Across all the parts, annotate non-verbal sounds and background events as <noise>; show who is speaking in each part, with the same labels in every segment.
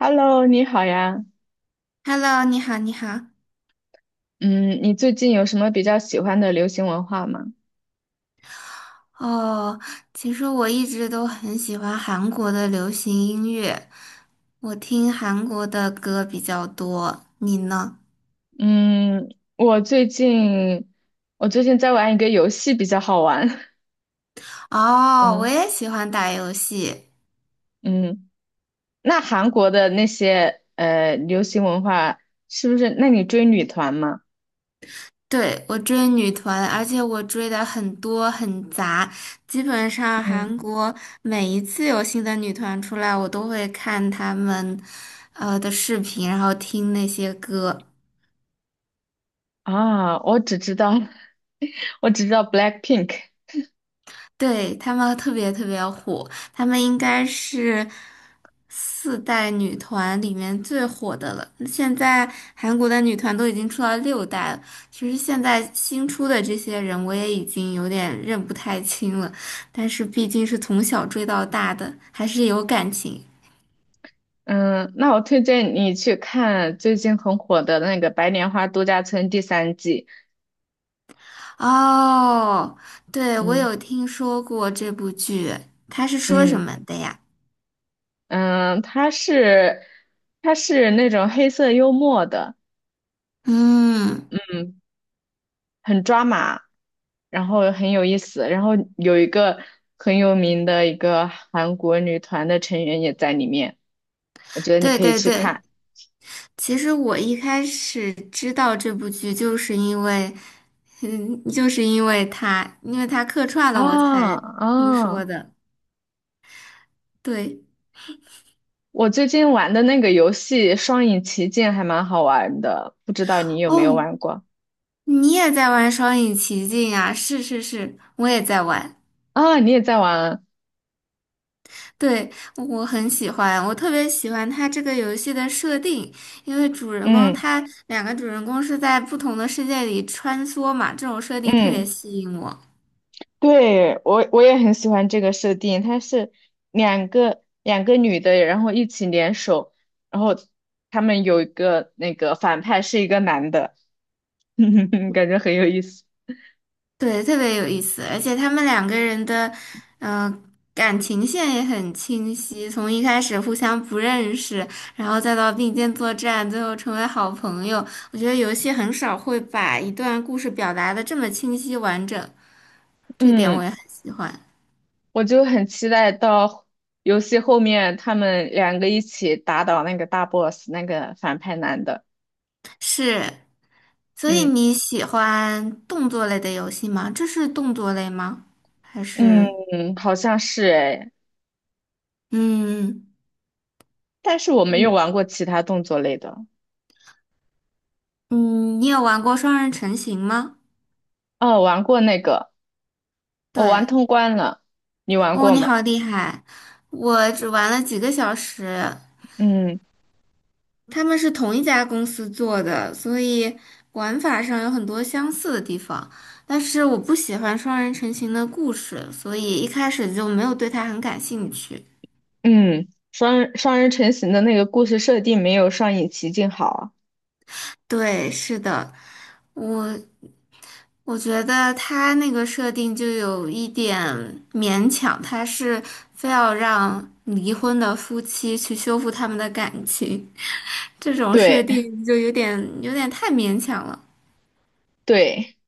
Speaker 1: Hello，你好呀。
Speaker 2: Hello，你好，你好。
Speaker 1: 嗯，你最近有什么比较喜欢的流行文化吗？
Speaker 2: 哦，其实我一直都很喜欢韩国的流行音乐，我听韩国的歌比较多。你呢？
Speaker 1: 嗯，我最近在玩一个游戏，比较好玩。<laughs>
Speaker 2: 哦，我
Speaker 1: 嗯
Speaker 2: 也喜欢打游戏。
Speaker 1: 嗯，那韩国的那些流行文化是不是？那你追女团吗？
Speaker 2: 对，我追女团，而且我追的很多很杂，基本上
Speaker 1: 嗯
Speaker 2: 韩国每一次有新的女团出来，我都会看她们的视频，然后听那些歌。
Speaker 1: 啊，我只知道 <laughs> 我只知道 BLACKPINK。
Speaker 2: 对，他们特别特别火，他们应该是四代女团里面最火的了。现在韩国的女团都已经出到六代了，其实现在新出的这些人我也已经有点认不太清了，但是毕竟是从小追到大的，还是有感情。
Speaker 1: 嗯，那我推荐你去看最近很火的那个《白莲花度假村》第三季。
Speaker 2: 哦，对，我
Speaker 1: 嗯
Speaker 2: 有听说过这部剧，它是说什
Speaker 1: 嗯。
Speaker 2: 么的呀？
Speaker 1: 嗯，他是那种黑色幽默的，
Speaker 2: 嗯，
Speaker 1: 嗯，很抓马，然后很有意思，然后有一个很有名的一个韩国女团的成员也在里面，我觉得你
Speaker 2: 对
Speaker 1: 可以
Speaker 2: 对
Speaker 1: 去
Speaker 2: 对。
Speaker 1: 看。
Speaker 2: 其实我一开始知道这部剧，就是因为，因为他客串了，我
Speaker 1: 啊
Speaker 2: 才听
Speaker 1: 啊！
Speaker 2: 说的。对，
Speaker 1: 我最近玩的那个游戏《双影奇境》还蛮好玩的，不知道你有没有
Speaker 2: 哦，
Speaker 1: 玩过。
Speaker 2: 你也在玩《双影奇境》啊？是是是，我也在玩。
Speaker 1: 啊？你也在玩？
Speaker 2: 对，我很喜欢，我特别喜欢它这个游戏的设定，因为主人公
Speaker 1: 嗯
Speaker 2: 他两个主人公是在不同的世界里穿梭嘛，这种设定特别
Speaker 1: 嗯。
Speaker 2: 吸引我。
Speaker 1: 对，我也很喜欢这个设定，它是两个女的，然后一起联手，然后他们有一个那个反派是一个男的，<laughs> 感觉很有意思。
Speaker 2: 对，特别有意思，而且他们两个人的，呃，感情线也很清晰，从一开始互相不认识，然后再到并肩作战，最后成为好朋友。我觉得游戏很少会把一段故事表达的这么清晰完整，这点
Speaker 1: 嗯，
Speaker 2: 我也很喜欢。
Speaker 1: 我就很期待到游戏后面他们两个一起打倒那个大 boss 那个反派男的。
Speaker 2: 是，所以
Speaker 1: 嗯
Speaker 2: 你喜欢动作类的游戏吗？这是动作类吗？还是，
Speaker 1: 嗯，好像是诶，
Speaker 2: 嗯，
Speaker 1: 但是我没有
Speaker 2: 嗯
Speaker 1: 玩过其他动作类的。
Speaker 2: 嗯，你有玩过双人成行吗？
Speaker 1: 哦，玩过那个，我玩
Speaker 2: 对。
Speaker 1: 通关了，你玩
Speaker 2: 哦，
Speaker 1: 过
Speaker 2: 你
Speaker 1: 吗？
Speaker 2: 好厉害！我只玩了几个小时，
Speaker 1: 嗯
Speaker 2: 他们是同一家公司做的，所以玩法上有很多相似的地方。但是我不喜欢双人成行的故事，所以一开始就没有对它很感兴趣。
Speaker 1: 嗯，双人成行的那个故事设定没有上影奇境好啊。
Speaker 2: 对，是的，我我觉得他那个设定就有一点勉强，他是非要让离婚的夫妻去修复他们的感情，这种设
Speaker 1: 对
Speaker 2: 定就有点太勉强了。
Speaker 1: 对，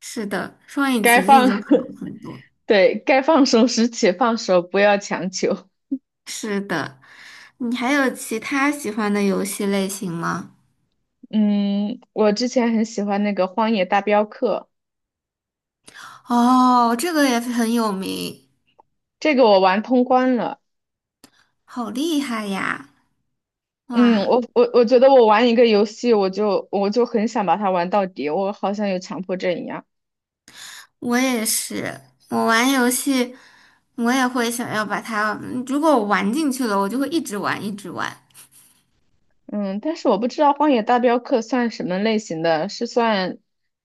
Speaker 2: 是的，双影
Speaker 1: 该
Speaker 2: 奇境就
Speaker 1: 放
Speaker 2: 好
Speaker 1: <laughs>
Speaker 2: 很多。
Speaker 1: 对该放手时且放手，不要强求。
Speaker 2: 是的，你还有其他喜欢的游戏类型吗？
Speaker 1: 嗯，我之前很喜欢那个《荒野大镖客》，
Speaker 2: 哦，这个也很有名，
Speaker 1: 这个我玩通关了。
Speaker 2: 好厉害呀！
Speaker 1: 嗯，
Speaker 2: 哇，
Speaker 1: 我觉得我玩一个游戏，我就很想把它玩到底，我好像有强迫症一样。
Speaker 2: 我也是，我玩游戏，我也会想要把它，如果我玩进去了，我就会一直玩，一直玩。
Speaker 1: 嗯，但是我不知道《荒野大镖客》算什么类型的，是算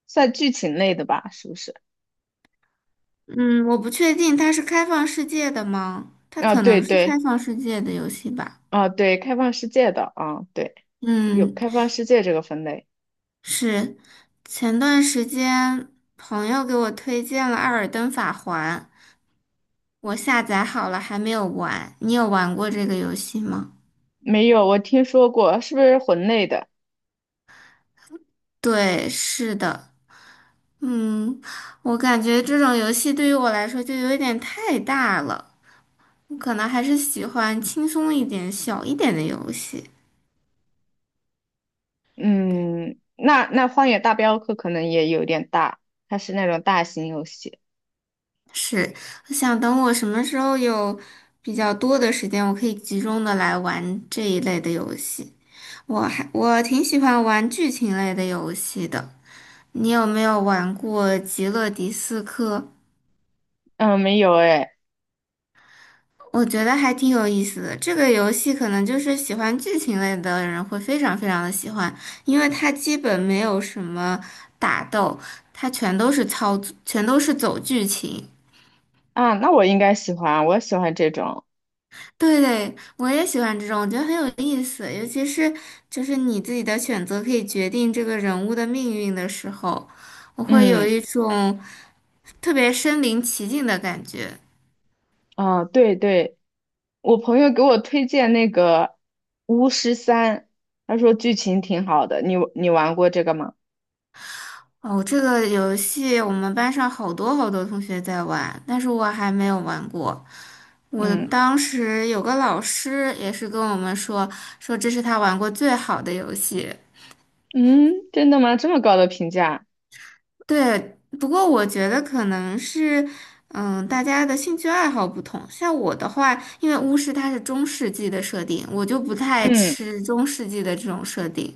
Speaker 1: 算剧情类的吧？是不是？
Speaker 2: 嗯，我不确定它是开放世界的吗？它
Speaker 1: 啊，
Speaker 2: 可
Speaker 1: 对
Speaker 2: 能是开
Speaker 1: 对。
Speaker 2: 放世界的游戏吧。
Speaker 1: 啊，对，开放世界的啊，对，有
Speaker 2: 嗯，
Speaker 1: 开放世界这个分类。
Speaker 2: 是，前段时间朋友给我推荐了《艾尔登法环》，我下载好了，还没有玩。你有玩过这个游戏吗？
Speaker 1: 没有，我听说过，是不是魂类的？
Speaker 2: 对，是的，嗯，我感觉这种游戏对于我来说就有一点太大了，我可能还是喜欢轻松一点、小一点的游戏。
Speaker 1: 嗯，那那《荒野大镖客》可能也有点大，它是那种大型游戏。
Speaker 2: 是，我想等我什么时候有比较多的时间，我可以集中的来玩这一类的游戏。我还我挺喜欢玩剧情类的游戏的。你有没有玩过《极乐迪斯科》？
Speaker 1: 嗯，没有哎，
Speaker 2: 我觉得还挺有意思的。这个游戏可能就是喜欢剧情类的人会非常非常的喜欢，因为它基本没有什么打斗，它全都是操作，全都是走剧情。
Speaker 1: 啊，那我应该喜欢，我喜欢这种。
Speaker 2: 对对，我也喜欢这种，我觉得很有意思，尤其是就是你自己的选择可以决定这个人物的命运的时候，我会有
Speaker 1: 嗯，
Speaker 2: 一种。特别身临其境的感觉。
Speaker 1: 啊，对对，我朋友给我推荐那个《巫师三》，他说剧情挺好的，你你玩过这个吗？
Speaker 2: 哦，这个游戏我们班上好多好多同学在玩，但是我还没有玩过。我
Speaker 1: 嗯
Speaker 2: 当时有个老师也是跟我们说，说这是他玩过最好的游戏。
Speaker 1: 嗯，真的吗？这么高的评价？
Speaker 2: 对，不过我觉得可能是，嗯，大家的兴趣爱好不同。像我的话，因为巫师它是中世纪的设定，我就不太
Speaker 1: 嗯。
Speaker 2: 吃中世纪的这种设定。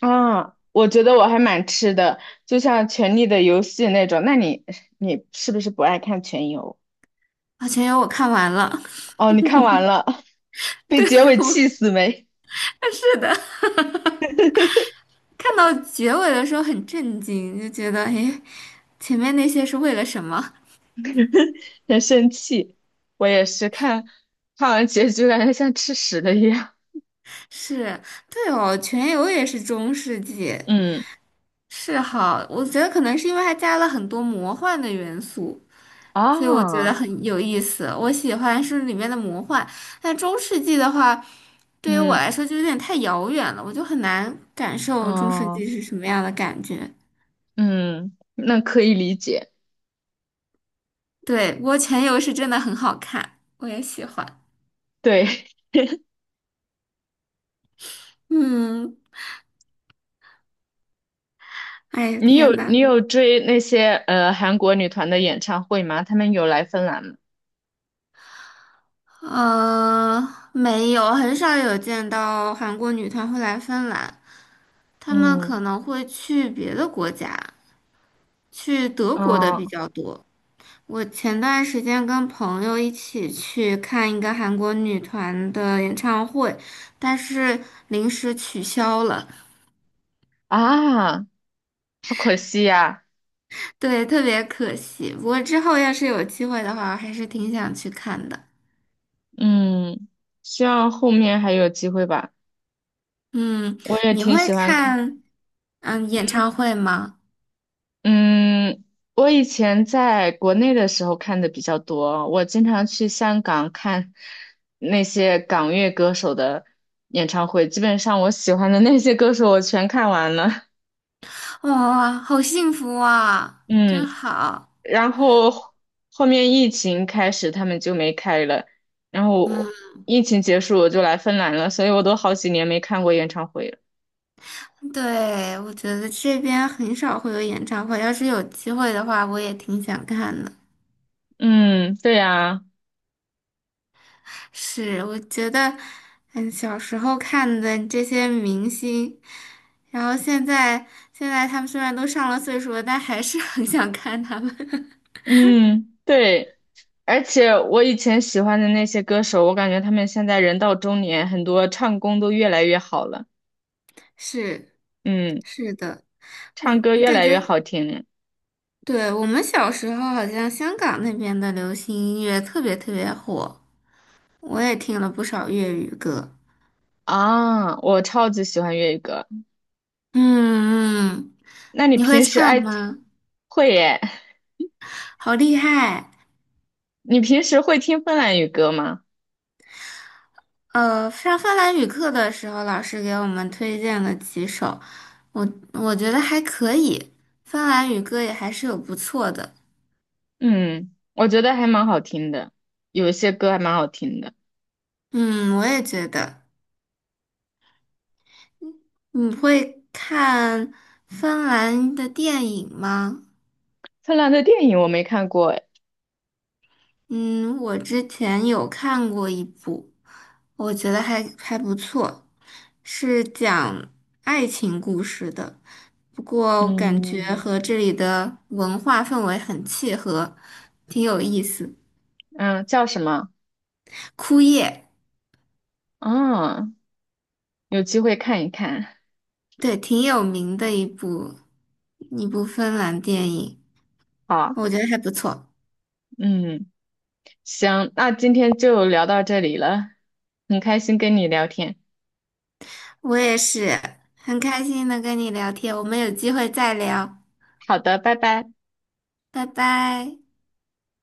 Speaker 1: 啊，我觉得我还蛮吃的，就像《权力的游戏》那种。那你你是不是不爱看权游？
Speaker 2: 啊，全由我看完了。
Speaker 1: 哦，你看完了，<laughs>
Speaker 2: <laughs>
Speaker 1: 被
Speaker 2: 对，
Speaker 1: 结尾气
Speaker 2: 我
Speaker 1: 死没？
Speaker 2: <laughs> 是的。看到结尾的时候很震惊，就觉得诶，前面那些是为了什么？
Speaker 1: <laughs> 很生气。我也是看完结局，感觉像吃屎的一样。
Speaker 2: 是，对哦，全游也是中世纪，
Speaker 1: <laughs> 嗯
Speaker 2: 是哈，我觉得可能是因为它加了很多魔幻的元素，所以我觉得
Speaker 1: 啊，
Speaker 2: 很有意思。我喜欢是里面的魔幻，但中世纪的话，对于我
Speaker 1: 嗯
Speaker 2: 来说就有点太遥远了，我就很难感受中世
Speaker 1: 哦，
Speaker 2: 纪是什么样的感觉。
Speaker 1: 嗯，那可以理解。
Speaker 2: 对，不过全游是真的很好看，我也喜欢。
Speaker 1: 对，
Speaker 2: 嗯，哎
Speaker 1: <laughs>
Speaker 2: 呀，
Speaker 1: 你有
Speaker 2: 天呐！
Speaker 1: 你有追那些韩国女团的演唱会吗？她们有来芬兰吗？
Speaker 2: 呃，没有，很少有见到韩国女团会来芬兰，她们
Speaker 1: 嗯，
Speaker 2: 可能会去别的国家，去德国的
Speaker 1: 啊
Speaker 2: 比较多。我前段时间跟朋友一起去看一个韩国女团的演唱会，但是临时取消了，
Speaker 1: 啊，好可惜呀，
Speaker 2: 对，特别可惜。不过之后要是有机会的话，我还是挺想去看的。
Speaker 1: 嗯，希望后面还有机会吧。
Speaker 2: 嗯，
Speaker 1: 我也
Speaker 2: 你
Speaker 1: 挺
Speaker 2: 会
Speaker 1: 喜欢看，
Speaker 2: 看演唱
Speaker 1: 嗯，
Speaker 2: 会吗？
Speaker 1: 嗯我以前在国内的时候看的比较多，我经常去香港看那些港乐歌手的演唱会，基本上我喜欢的那些歌手我全看完了，
Speaker 2: 哇，好幸福啊，
Speaker 1: 嗯，
Speaker 2: 真好。
Speaker 1: 然后后面疫情开始，他们就没开了，然
Speaker 2: 嗯，
Speaker 1: 后疫情结束我就来芬兰了，所以我都好几年没看过演唱会了。
Speaker 2: 对，我觉得这边很少会有演唱会，要是有机会的话，我也挺想看的。
Speaker 1: 嗯，对呀，
Speaker 2: 是，我觉得，嗯，小时候看的这些明星，然后现在他们虽然都上了岁数了，但还是很想看他们。<laughs>
Speaker 1: 嗯，对，而且我以前喜欢的那些歌手，我感觉他们现在人到中年，很多唱功都越来越好了，
Speaker 2: 是，
Speaker 1: 嗯，
Speaker 2: 是的，我
Speaker 1: 唱歌
Speaker 2: 我
Speaker 1: 越
Speaker 2: 感
Speaker 1: 来
Speaker 2: 觉，
Speaker 1: 越好听了。
Speaker 2: 对，我们小时候好像香港那边的流行音乐特别特别火。我也听了不少粤语歌。
Speaker 1: 啊，我超级喜欢粤语歌。
Speaker 2: 嗯嗯，
Speaker 1: 那你
Speaker 2: 你会
Speaker 1: 平时
Speaker 2: 唱
Speaker 1: 爱
Speaker 2: 吗？
Speaker 1: 会耶？
Speaker 2: 好厉害！
Speaker 1: 你平时会听芬兰语歌吗？
Speaker 2: 上芬兰语课的时候，老师给我们推荐了几首，我我觉得还可以，芬兰语歌也还是有不错的。
Speaker 1: 嗯，我觉得还蛮好听的，有一些歌还蛮好听的。
Speaker 2: 嗯，我也觉得。你会看芬兰的电影吗？
Speaker 1: 芬兰的电影我没看过，哎，
Speaker 2: 嗯，我之前有看过一部，我觉得还不错，是讲爱情故事的，不过感觉
Speaker 1: 嗯
Speaker 2: 和这里的文化氛围很契合，挺有意思。
Speaker 1: 嗯，叫什么？
Speaker 2: 枯叶，
Speaker 1: 啊？有机会看一看。
Speaker 2: 对，挺有名的一部芬兰电影，
Speaker 1: 好，
Speaker 2: 我觉得还不错。
Speaker 1: 嗯，行，那今天就聊到这里了，很开心跟你聊天。
Speaker 2: 我也是很开心能跟你聊天，我们有机会再聊，
Speaker 1: 好的，拜拜。
Speaker 2: 拜拜。